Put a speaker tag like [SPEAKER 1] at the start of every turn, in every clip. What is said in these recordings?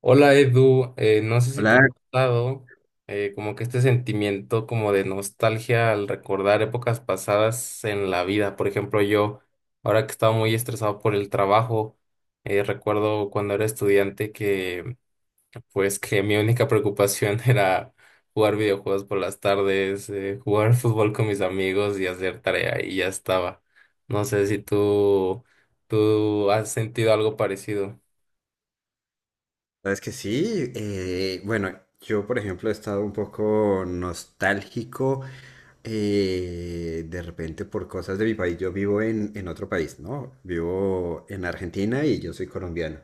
[SPEAKER 1] Hola, Edu. No sé si te ha
[SPEAKER 2] Hola,
[SPEAKER 1] pasado, como que este sentimiento como de nostalgia al recordar épocas pasadas en la vida. Por ejemplo, yo, ahora que estaba muy estresado por el trabajo, recuerdo cuando era estudiante que pues que mi única preocupación era jugar videojuegos por las tardes, jugar fútbol con mis amigos y hacer tarea y ya estaba. No sé si tú has sentido algo parecido.
[SPEAKER 2] sabes que sí. Bueno, yo por ejemplo he estado un poco nostálgico de repente por cosas de mi país. Yo vivo en otro país, ¿no? Vivo en Argentina y yo soy colombiano.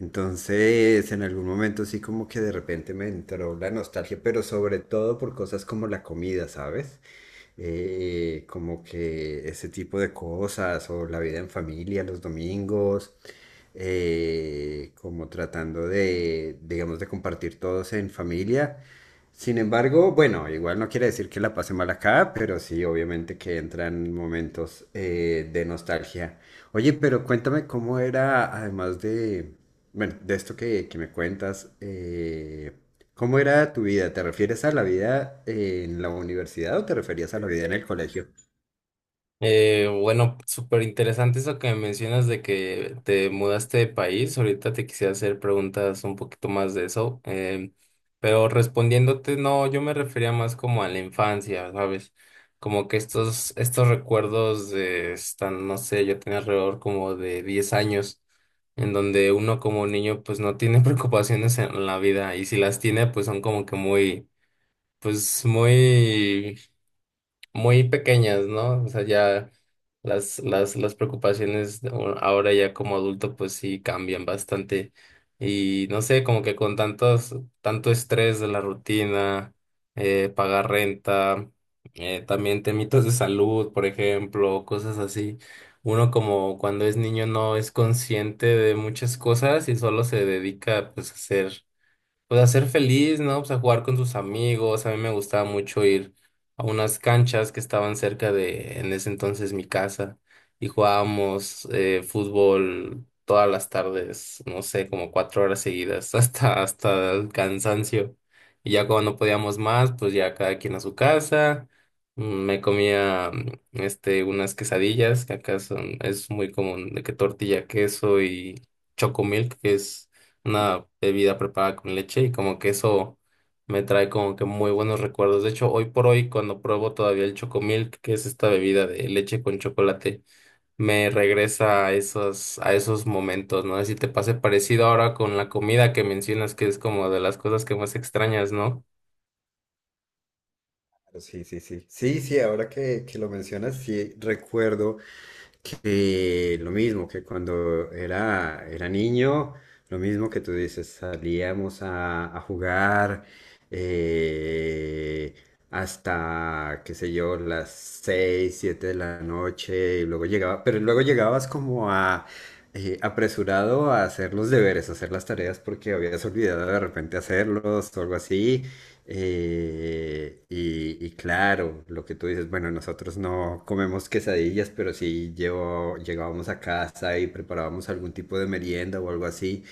[SPEAKER 2] Entonces, en algún momento sí como que de repente me entró la nostalgia, pero sobre todo por cosas como la comida, ¿sabes? Como que ese tipo de cosas, o la vida en familia los domingos, como tratando de, digamos, de compartir todos en familia. Sin embargo, bueno, igual no quiere decir que la pase mal acá, pero sí, obviamente que entran momentos de nostalgia. Oye, pero cuéntame cómo era, además de, bueno, de esto que me cuentas, ¿cómo era tu vida? ¿Te refieres a la vida en la universidad o te referías a la vida en el colegio?
[SPEAKER 1] Bueno, súper interesante eso que mencionas de que te mudaste de país. Ahorita te quisiera hacer preguntas un poquito más de eso. Pero respondiéndote, no, yo me refería más como a la infancia, ¿sabes? Como que estos recuerdos de, están, no sé, yo tenía alrededor como de 10 años, en donde uno como niño pues no tiene preocupaciones en la vida y si las tiene pues son como que muy, pues muy muy pequeñas, ¿no? O sea, ya las preocupaciones de ahora ya como adulto pues sí cambian bastante. Y no sé, como que con tanto estrés de la rutina, pagar renta, también temitos de salud, por ejemplo, cosas así. Uno como cuando es niño no es consciente de muchas cosas y solo se dedica pues a ser feliz, ¿no? Pues a jugar con sus amigos. A mí me gustaba mucho ir a unas canchas que estaban cerca de, en ese entonces, mi casa. Y jugábamos fútbol todas las tardes, no sé, como 4 horas seguidas, hasta el cansancio. Y ya cuando no podíamos más, pues ya cada quien a su casa. Me comía unas quesadillas, que acá son, es muy común, de que tortilla, queso y chocomilk, que es una bebida preparada con leche y como que eso me trae como que muy buenos recuerdos. De hecho, hoy por hoy, cuando pruebo todavía el Chocomilk, que es esta bebida de leche con chocolate, me regresa a esos momentos, ¿no? Si te pase parecido ahora con la comida que mencionas, que es como de las cosas que más extrañas, ¿no?
[SPEAKER 2] Claro. Sí, sí, sí. Sí, sí, ahora que lo mencionas, sí recuerdo que lo mismo que cuando era niño, lo mismo que tú dices, salíamos a jugar eh, hasta, qué sé yo, las 6, 7 de la noche, y luego llegaba, pero luego llegabas como a apresurado a hacer los deberes, a hacer las tareas porque habías olvidado de repente hacerlos o algo así, y claro, lo que tú dices, bueno, nosotros no comemos quesadillas, pero sí llevo, llegábamos a casa y preparábamos algún tipo de merienda o algo así.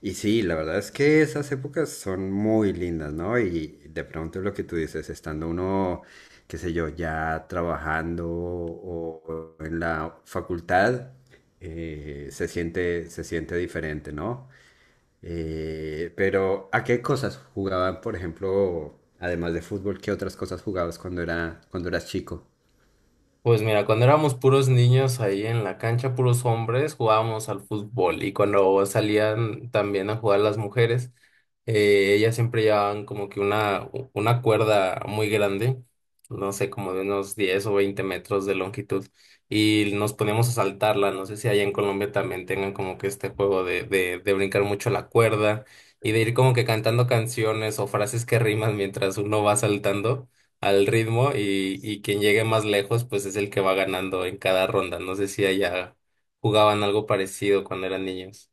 [SPEAKER 2] Y sí, la verdad es que esas épocas son muy lindas, ¿no? Y de pronto lo que tú dices, estando uno, qué sé yo, ya trabajando o en la facultad, se siente diferente, ¿no? Pero ¿a qué cosas jugaban, por ejemplo, además de fútbol, qué otras cosas jugabas cuando cuando eras chico?
[SPEAKER 1] Pues mira, cuando éramos puros niños ahí en la cancha, puros hombres, jugábamos al fútbol y cuando salían también a jugar las mujeres, ellas siempre llevaban como que una, una cuerda muy grande, no sé, como de unos 10 o 20 metros de longitud y nos poníamos a saltarla. No sé si allá en Colombia también tengan como que este juego de, de brincar mucho la cuerda y de ir como que cantando canciones o frases que riman mientras uno va saltando al ritmo y quien llegue más lejos pues es el que va ganando en cada ronda. No sé si allá jugaban algo parecido cuando eran niños.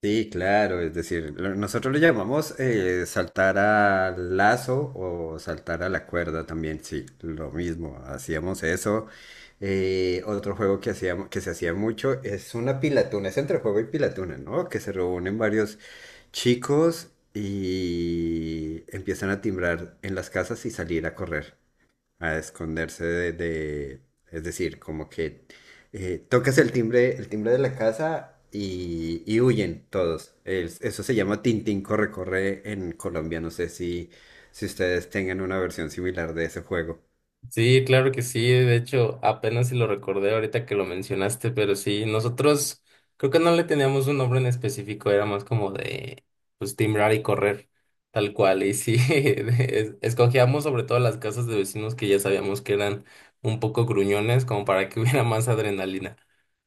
[SPEAKER 2] Sí, claro, es decir, nosotros lo llamamos saltar al lazo o saltar a la cuerda también, sí, lo mismo, hacíamos eso. Otro juego que hacíamos, que se hacía mucho es una pilatuna, es entre juego y pilatuna, ¿no? Que se reúnen varios chicos y empiezan a timbrar en las casas y salir a correr a esconderse es decir, como que tocas el timbre de la casa y huyen todos. Eso se llama Tintín corre corre en Colombia. No sé si ustedes tengan una versión similar de ese juego.
[SPEAKER 1] Sí, claro que sí. De hecho, apenas si lo recordé ahorita que lo mencionaste, pero sí, nosotros creo que no le teníamos un nombre en específico, era más como de pues timbrar y correr, tal cual. Y sí, escogíamos sobre todo las casas de vecinos que ya sabíamos que eran un poco gruñones, como para que hubiera más adrenalina.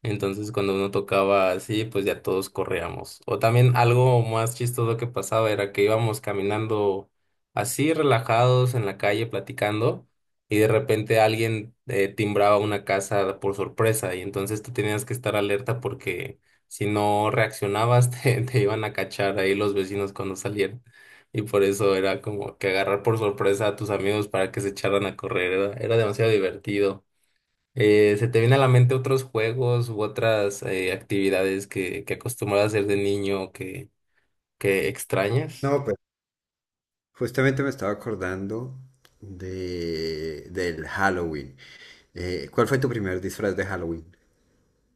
[SPEAKER 1] Entonces, cuando uno tocaba así, pues ya todos corríamos. O también algo más chistoso que pasaba era que íbamos caminando así relajados en la calle platicando y de repente alguien timbraba una casa por sorpresa y entonces tú tenías que estar alerta porque si no reaccionabas te iban a cachar ahí los vecinos cuando salieran. Y por eso era como que agarrar por sorpresa a tus amigos para que se echaran a correr, era demasiado divertido. ¿Se te viene a la mente otros juegos u otras actividades que acostumbras a hacer de niño que extrañas?
[SPEAKER 2] No, pues justamente me estaba acordando de del Halloween. ¿Cuál fue tu primer disfraz de Halloween?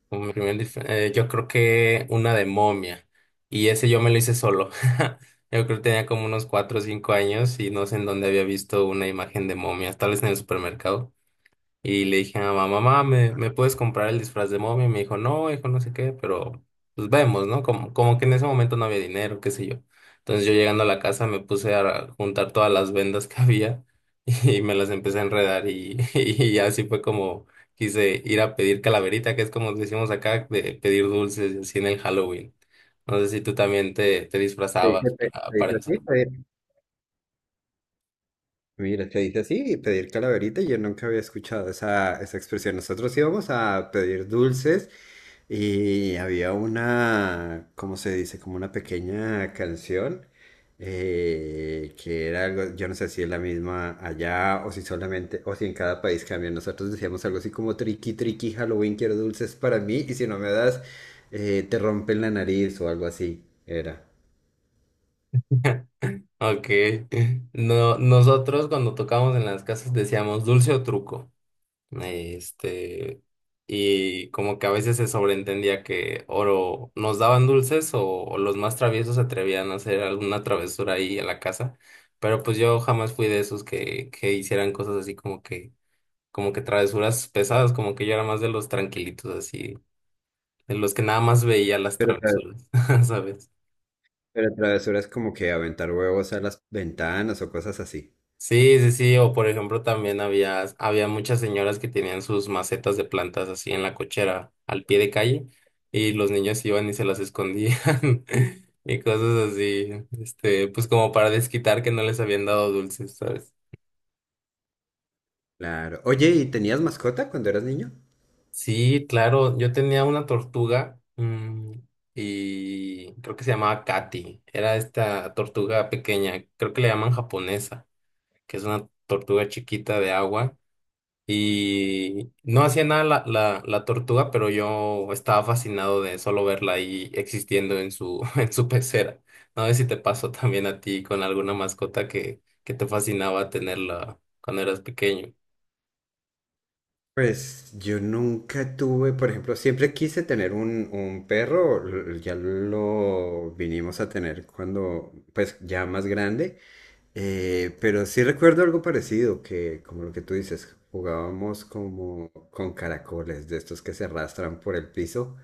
[SPEAKER 1] Como mi primer disfraz, yo creo que una de momia. Y ese yo me lo hice solo. Yo creo que tenía como unos 4 o 5 años y no sé en dónde había visto una imagen de momia, tal vez en el supermercado. Y le dije a mamá, mamá,
[SPEAKER 2] Ah,
[SPEAKER 1] me puedes comprar el disfraz de momia? Y me dijo, no, hijo, no sé qué, pero pues vemos, ¿no? Como que en ese momento no había dinero, qué sé yo. Entonces yo llegando a la casa me puse a juntar todas las vendas que había y me las empecé a enredar y, y así fue como quise ir a pedir calaverita, que es como decimos acá, de pedir dulces y así en el Halloween. No sé si tú también te
[SPEAKER 2] ¿te
[SPEAKER 1] disfrazabas
[SPEAKER 2] te
[SPEAKER 1] para
[SPEAKER 2] dice
[SPEAKER 1] eso.
[SPEAKER 2] así? Mira, te dice así, pedir calaverita, yo nunca había escuchado esa expresión. Nosotros íbamos a pedir dulces y había una, ¿cómo se dice? Como una pequeña canción que era algo, yo no sé si es la misma allá o si solamente, o si en cada país cambia. Nosotros decíamos algo así como triqui, triqui, Halloween, quiero dulces para mí y si no me das, te rompen la nariz o algo así, era.
[SPEAKER 1] Ok. No, nosotros cuando tocábamos en las casas decíamos dulce o truco. Este, y como que a veces se sobreentendía que oro nos daban dulces o los más traviesos se atrevían a hacer alguna travesura ahí en la casa, pero pues yo jamás fui de esos que hicieran cosas así como que travesuras pesadas, como que yo era más de los tranquilitos así, de los que nada más veía las
[SPEAKER 2] Pero
[SPEAKER 1] travesuras. ¿Sabes?
[SPEAKER 2] Pero travesuras como que aventar huevos a las ventanas o cosas así.
[SPEAKER 1] Sí, sí, sí, o por ejemplo también había muchas señoras que tenían sus macetas de plantas así en la cochera, al pie de calle, y los niños iban y se las escondían y cosas así, pues como para desquitar que no les habían dado dulces, ¿sabes?
[SPEAKER 2] Claro. Oye, ¿y tenías mascota cuando eras niño?
[SPEAKER 1] Sí, claro, yo tenía una tortuga, y creo que se llamaba Katy. Era esta tortuga pequeña, creo que le llaman japonesa, que es una tortuga chiquita de agua. Y no hacía nada la tortuga, pero yo estaba fascinado de solo verla ahí existiendo en su, en su pecera. No sé si te pasó también a ti con alguna mascota que te fascinaba tenerla cuando eras pequeño.
[SPEAKER 2] Pues yo nunca tuve, por ejemplo, siempre quise tener un perro, ya lo vinimos a tener cuando, pues ya más grande, pero sí recuerdo algo parecido, que como lo que tú dices, jugábamos como con caracoles, de estos que se arrastran por el piso.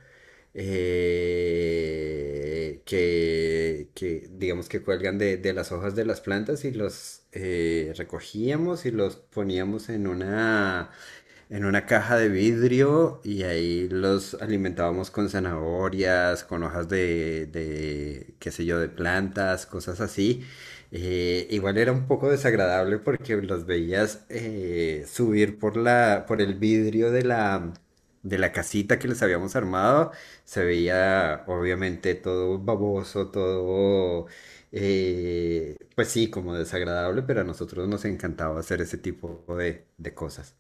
[SPEAKER 2] Que, digamos que cuelgan de las hojas de las plantas y los recogíamos y los poníamos en una caja de vidrio y ahí los alimentábamos con zanahorias, con hojas de qué sé yo, de plantas, cosas así. Igual era un poco desagradable porque los veías subir por por el vidrio de de la casita que les habíamos armado. Se veía obviamente todo baboso, todo, pues sí, como desagradable, pero a nosotros nos encantaba hacer ese tipo de cosas.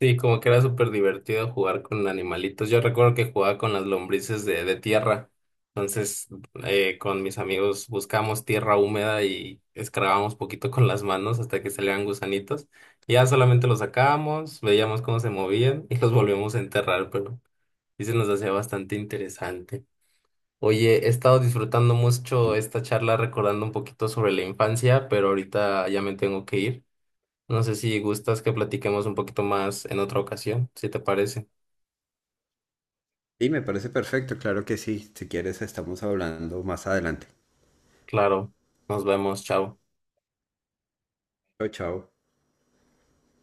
[SPEAKER 1] Sí, como que era súper divertido jugar con animalitos. Yo recuerdo que jugaba con las lombrices de tierra. Entonces, con mis amigos buscábamos tierra húmeda y escarbábamos poquito con las manos hasta que salían gusanitos. Y ya solamente los sacábamos, veíamos cómo se movían y los volvíamos a enterrar, y se nos hacía bastante interesante. Oye, he estado disfrutando mucho esta charla recordando un poquito sobre la infancia, pero ahorita ya me tengo que ir. No sé si gustas que platiquemos un poquito más en otra ocasión, si te parece.
[SPEAKER 2] Sí, me parece perfecto, claro que sí. Si quieres, estamos hablando más adelante.
[SPEAKER 1] Claro, nos vemos, chao.
[SPEAKER 2] Chao, chao.